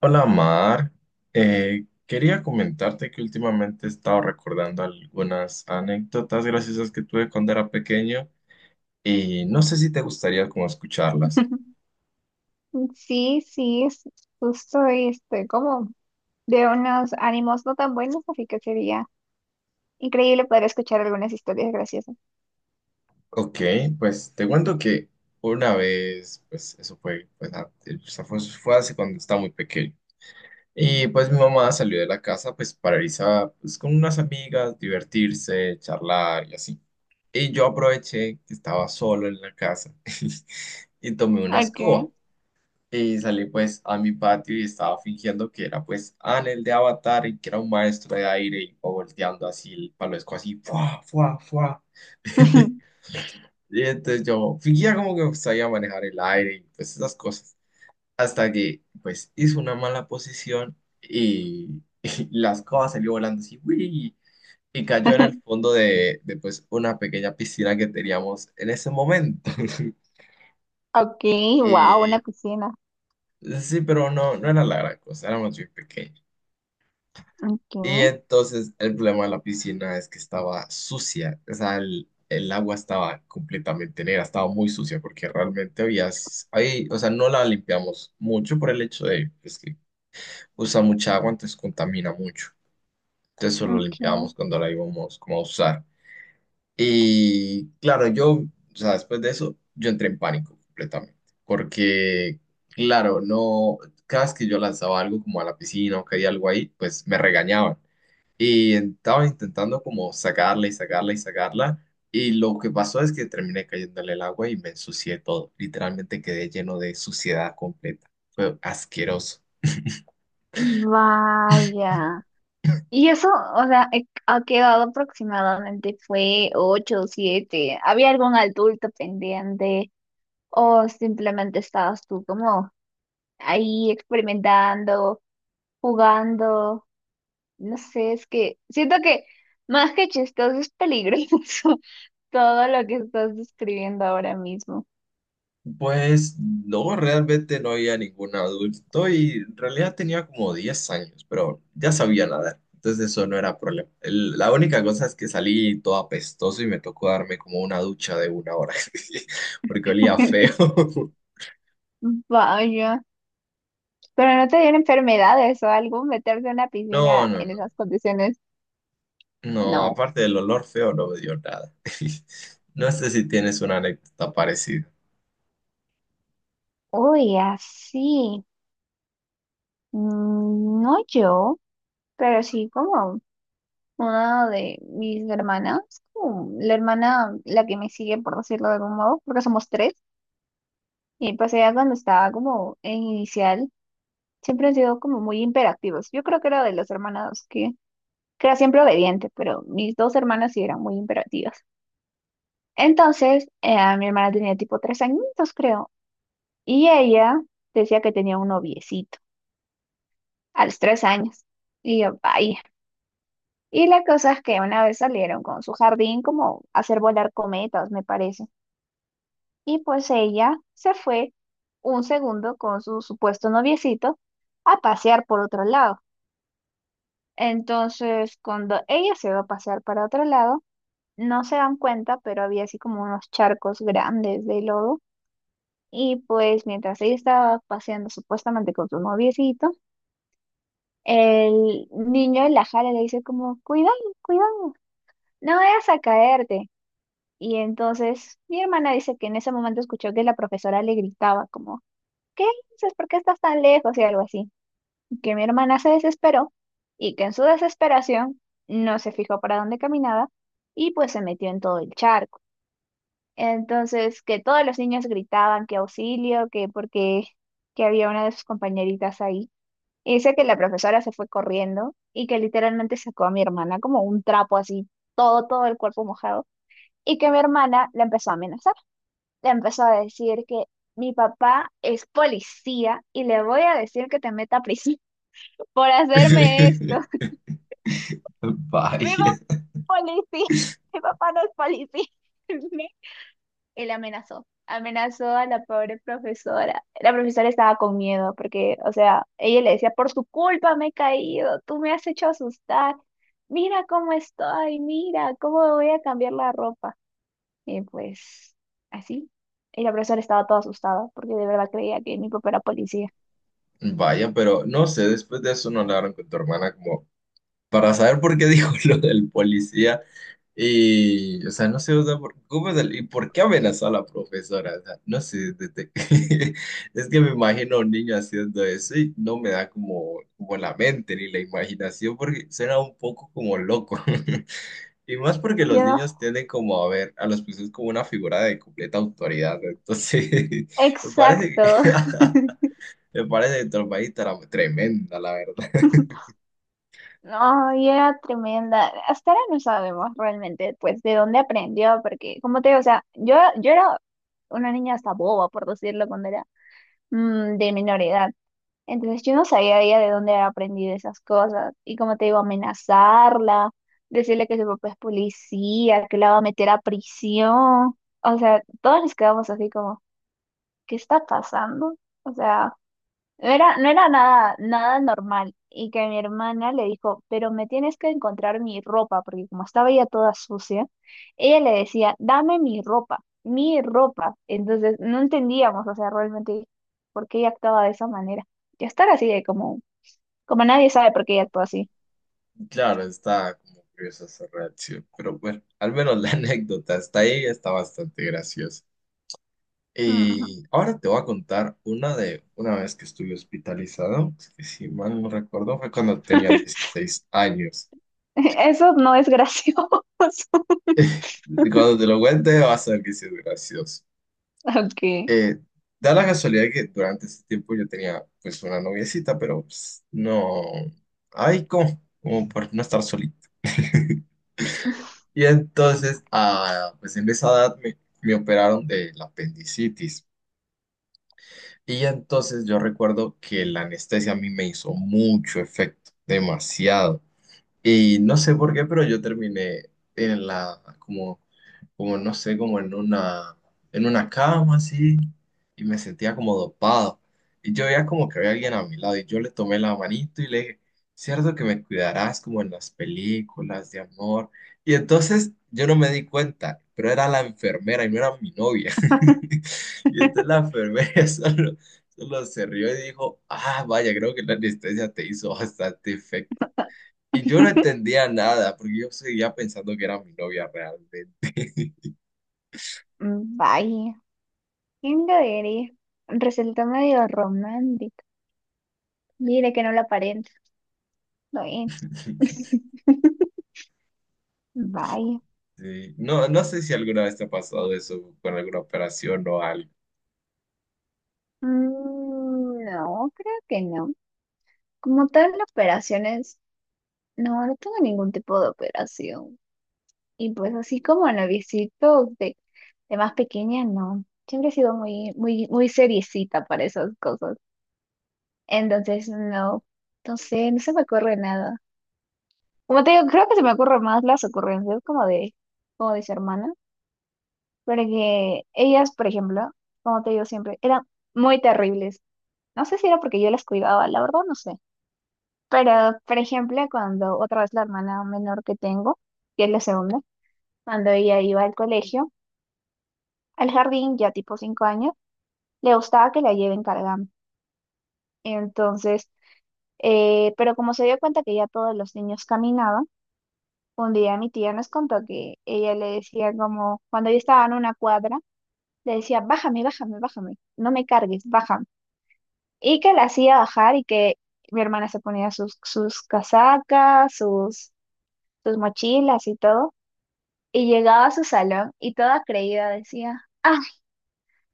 Hola Mar. Quería comentarte que últimamente he estado recordando algunas anécdotas graciosas que tuve cuando era pequeño y no sé si te gustaría como escucharlas. Sí, sí, es justo estoy como de unos ánimos no tan buenos, así que sería increíble poder escuchar algunas historias graciosas. Ok, pues te cuento que una vez, pues eso fue, pues, fue hace cuando estaba muy pequeño. Y pues mi mamá salió de la casa pues para irse a, pues, con unas amigas, divertirse, charlar y así. Y yo aproveché que estaba solo en la casa y tomé una Okay. escoba. Y salí pues a mi patio y estaba fingiendo que era pues Anel de Avatar y que era un maestro de aire y iba volteando así el palesco así, ¡fua, fua, fua! Y entonces yo fingía como que sabía manejar el aire y pues esas cosas. Hasta que pues hice una mala posición y, y la escoba salió volando así, ¡uy! Y cayó en el fondo de pues una pequeña piscina que teníamos en ese momento. Okay, wow, una Y piscina. sí, pero no, no era la gran cosa, éramos muy pequeños. Okay, Y entonces el problema de la piscina es que estaba sucia, o sea, el agua estaba completamente negra, estaba muy sucia porque realmente había, ahí, o sea, no la limpiamos mucho por el hecho de pues, que usa mucha agua, entonces contamina mucho. Entonces solo la okay. limpiábamos cuando la íbamos como a usar. Y claro, yo, o sea, después de eso, yo entré en pánico completamente porque, claro, no, cada vez que yo lanzaba algo como a la piscina o caía algo ahí, pues me regañaban. Y estaba intentando como sacarla y sacarla y sacarla. Y lo que pasó es que terminé cayéndole el agua y me ensucié todo. Literalmente quedé lleno de suciedad completa. Fue asqueroso. Vaya. Y eso, o sea, ha quedado aproximadamente fue ocho o siete. ¿Había algún adulto pendiente o simplemente estabas tú como ahí experimentando, jugando? No sé, es que siento que más que chistoso es peligroso todo lo que estás describiendo ahora mismo. Pues no, realmente no había ningún adulto y en realidad tenía como 10 años, pero ya sabía nadar, entonces eso no era problema. El- la única cosa es que salí todo apestoso y me tocó darme como una ducha de 1 hora, porque olía feo. Vaya, pero no te dieron enfermedades o algo, meterte en una No, piscina no, en no. esas condiciones. No, No. aparte del olor feo, no me dio nada. No sé si tienes una anécdota parecida. Uy, así. Mm, no yo, pero sí como una de mis hermanas, como la hermana, la que me sigue, por decirlo de algún modo, porque somos tres. Y pues ella cuando estaba como en inicial. Siempre han sido como muy imperativos. Yo creo que era de los hermanos que era siempre obediente, pero mis dos hermanas sí eran muy imperativas. Entonces, mi hermana tenía tipo 3 añitos, creo, y ella decía que tenía un noviecito a los 3 años. Y yo, vaya. Y la cosa es que una vez salieron con su jardín como a hacer volar cometas, me parece. Y pues ella se fue un segundo con su supuesto noviecito a pasear por otro lado. Entonces, cuando ella se va a pasar para otro lado, no se dan cuenta, pero había así como unos charcos grandes de lodo. Y pues mientras ella estaba paseando supuestamente con su noviecito, el niño la jala y le dice como, cuidado, cuidado, no vayas a caerte. Y entonces mi hermana dice que en ese momento escuchó que la profesora le gritaba como, ¿qué dices? ¿Por qué estás tan lejos? Y algo así. Que mi hermana se desesperó y que en su desesperación no se fijó para dónde caminaba y pues se metió en todo el charco. Entonces, que todos los niños gritaban que auxilio, que porque que había una de sus compañeritas ahí. Y dice que la profesora se fue corriendo y que literalmente sacó a mi hermana como un trapo así, todo, todo el cuerpo mojado, y que mi hermana la empezó a amenazar. Le empezó a decir que mi papá es policía y le voy a decir que te meta a prisión por hacerme esto. Mi papá Vaya. no es policía, mi papá no es policía. Él amenazó a la pobre profesora. La profesora estaba con miedo porque, o sea, ella le decía, por tu culpa me he caído, tú me has hecho asustar, mira cómo estoy, mira cómo me voy a cambiar la ropa. Y pues así. Y la profesora estaba toda asustada porque de verdad creía que mi papá era policía. Vaya, pero no sé, después de eso no hablaron con tu hermana como para saber por qué dijo lo del policía y, o sea, no sé, o sea, por, ¿cómo es el- y por qué amenazó a la profesora? O sea, no sé, desde- es que me imagino a un niño haciendo eso y no me da como, como la mente ni la imaginación porque suena un poco como loco. Y más porque los Yo no sé. niños tienden como a ver a los profesores como una figura de completa autoridad, ¿no? Entonces, me parece que, Exacto. me parece trompadita tremenda, la verdad. No, y era tremenda. Hasta ahora no sabemos realmente, pues, de dónde aprendió, porque, como te digo, o sea, yo era una niña hasta boba, por decirlo, cuando era de menor edad. Entonces yo no sabía ella de dónde había aprendido esas cosas. Y como te digo, amenazarla, decirle que su papá es policía, que la va a meter a prisión. O sea, todos nos quedamos así como, ¿qué está pasando? O sea, no era nada, nada normal. Y que mi hermana le dijo, pero me tienes que encontrar mi ropa, porque como estaba ya toda sucia, ella le decía, dame mi ropa, mi ropa. Entonces no entendíamos, o sea, realmente por qué ella actuaba de esa manera. Y estar así de como, como nadie sabe por qué ella actúa así. Claro, está como curiosa esa reacción, pero bueno, al menos la anécdota está ahí, está bastante graciosa. Ujú. Y ahora te voy a contar una de una vez que estuve hospitalizado, que si mal no recuerdo fue cuando tenía 16 años. Eso no es gracioso. Cuando te lo cuente vas a ver que sí es gracioso. Ok. Eh, da la casualidad que durante ese tiempo yo tenía pues una noviecita, pero pues, no, ay, ¿cómo? Como por no estar solito. Y entonces, ah, pues en esa edad me, me operaron de la apendicitis. Y entonces yo recuerdo que la anestesia a mí me hizo mucho efecto, demasiado. Y no sé por qué, pero yo terminé en la, como, como no sé, como en una cama así, y me sentía como dopado. Y yo veía como que había alguien a mi lado, y yo le tomé la manito y le dije, cierto que me cuidarás como en las películas de amor. Y entonces yo no me di cuenta, pero era la enfermera y no era mi novia. Y entonces la enfermera solo se rió y dijo, ah, vaya, creo que la anestesia te hizo bastante efecto. Y yo no entendía nada, porque yo seguía pensando que era mi novia realmente. Vaya, ¿quién lo diría? Resultó medio romántico. Mire que no lo aparenta. Bueno, vaya. Sí. No, no sé si alguna vez te ha pasado eso con alguna operación o algo. Mm, no, creo que no. Como tal, operaciones, no, no tengo ningún tipo de operación. Y pues así como novicitos de más pequeña, no. Siempre he sido muy, muy, muy seriecita para esas cosas. Entonces, no, no sé, no se me ocurre nada. Como te digo, creo que se me ocurren más las ocurrencias como de su hermana. Porque ellas, por ejemplo, como te digo siempre, eran muy terribles. No sé si era porque yo las cuidaba, la verdad no sé. Pero, por ejemplo, cuando otra vez la hermana menor que tengo, que es la segunda, cuando ella iba al colegio, al jardín, ya tipo 5 años, le gustaba que la lleven cargando. Entonces, pero como se dio cuenta que ya todos los niños caminaban, un día mi tía nos contó que ella le decía como, cuando yo estaba en una cuadra, le decía, bájame, bájame, bájame, no me cargues, bájame. Y que la hacía bajar y que mi hermana se ponía sus casacas, sus mochilas y todo, y llegaba a su salón y toda creída decía, ah,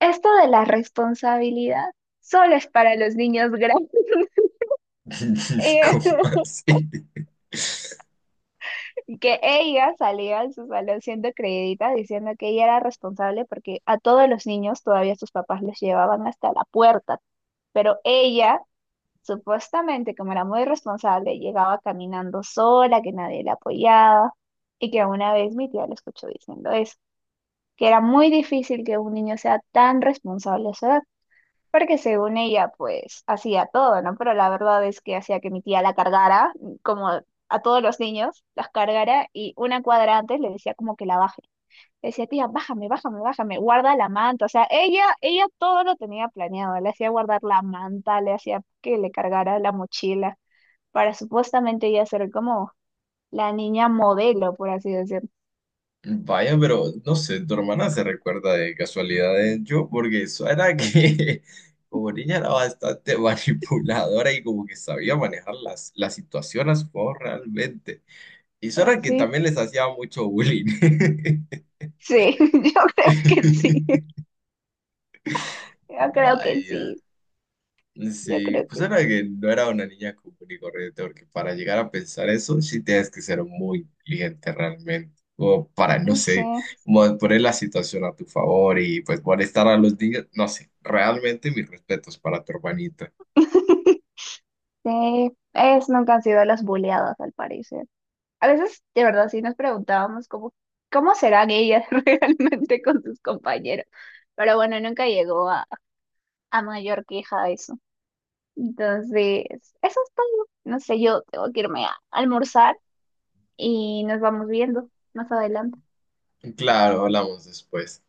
esto de la responsabilidad solo es para los niños grandes. ¿Cómo así? Y que ella salía de su salón siendo creidita, diciendo que ella era responsable porque a todos los niños todavía sus papás los llevaban hasta la puerta, pero ella... Supuestamente, como era muy responsable, llegaba caminando sola, que nadie la apoyaba, y que una vez mi tía le escuchó diciendo eso. Que era muy difícil que un niño sea tan responsable a su edad, porque según ella, pues hacía todo, ¿no? Pero la verdad es que hacía que mi tía la cargara, como a todos los niños, las cargara y una cuadra antes le decía como que la baje. Le decía, tía, bájame, bájame, bájame, guarda la manta. O sea, ella todo lo tenía planeado. Le hacía guardar la manta, le hacía que le cargara la mochila para supuestamente ella ser como la niña modelo, por así decirlo. Vaya, pero no sé, tu hermana se recuerda de casualidades yo, porque eso era que como niña era bastante manipuladora y como que sabía manejar la situación a su favor realmente. Y eso era que Así. también les hacía mucho bullying. Sí, yo creo que sí. Yo creo que Vaya, sí, yo sí, creo pues que era que no era una niña común y corriente, porque para llegar a pensar eso sí tienes que ser muy inteligente realmente, o para, no sí, sé, poner la situación a tu favor y pues molestar a los niños, no sé, realmente mis respetos para tu hermanita. sí. Ellas nunca han sido las boleadas, al parecer. A veces, de verdad, sí nos preguntábamos cómo serán ellas realmente con sus compañeros. Pero bueno, nunca llegó a mayor queja eso. Entonces, eso es todo. No sé, yo tengo que irme a almorzar y nos vamos viendo más adelante. Claro, hablamos después.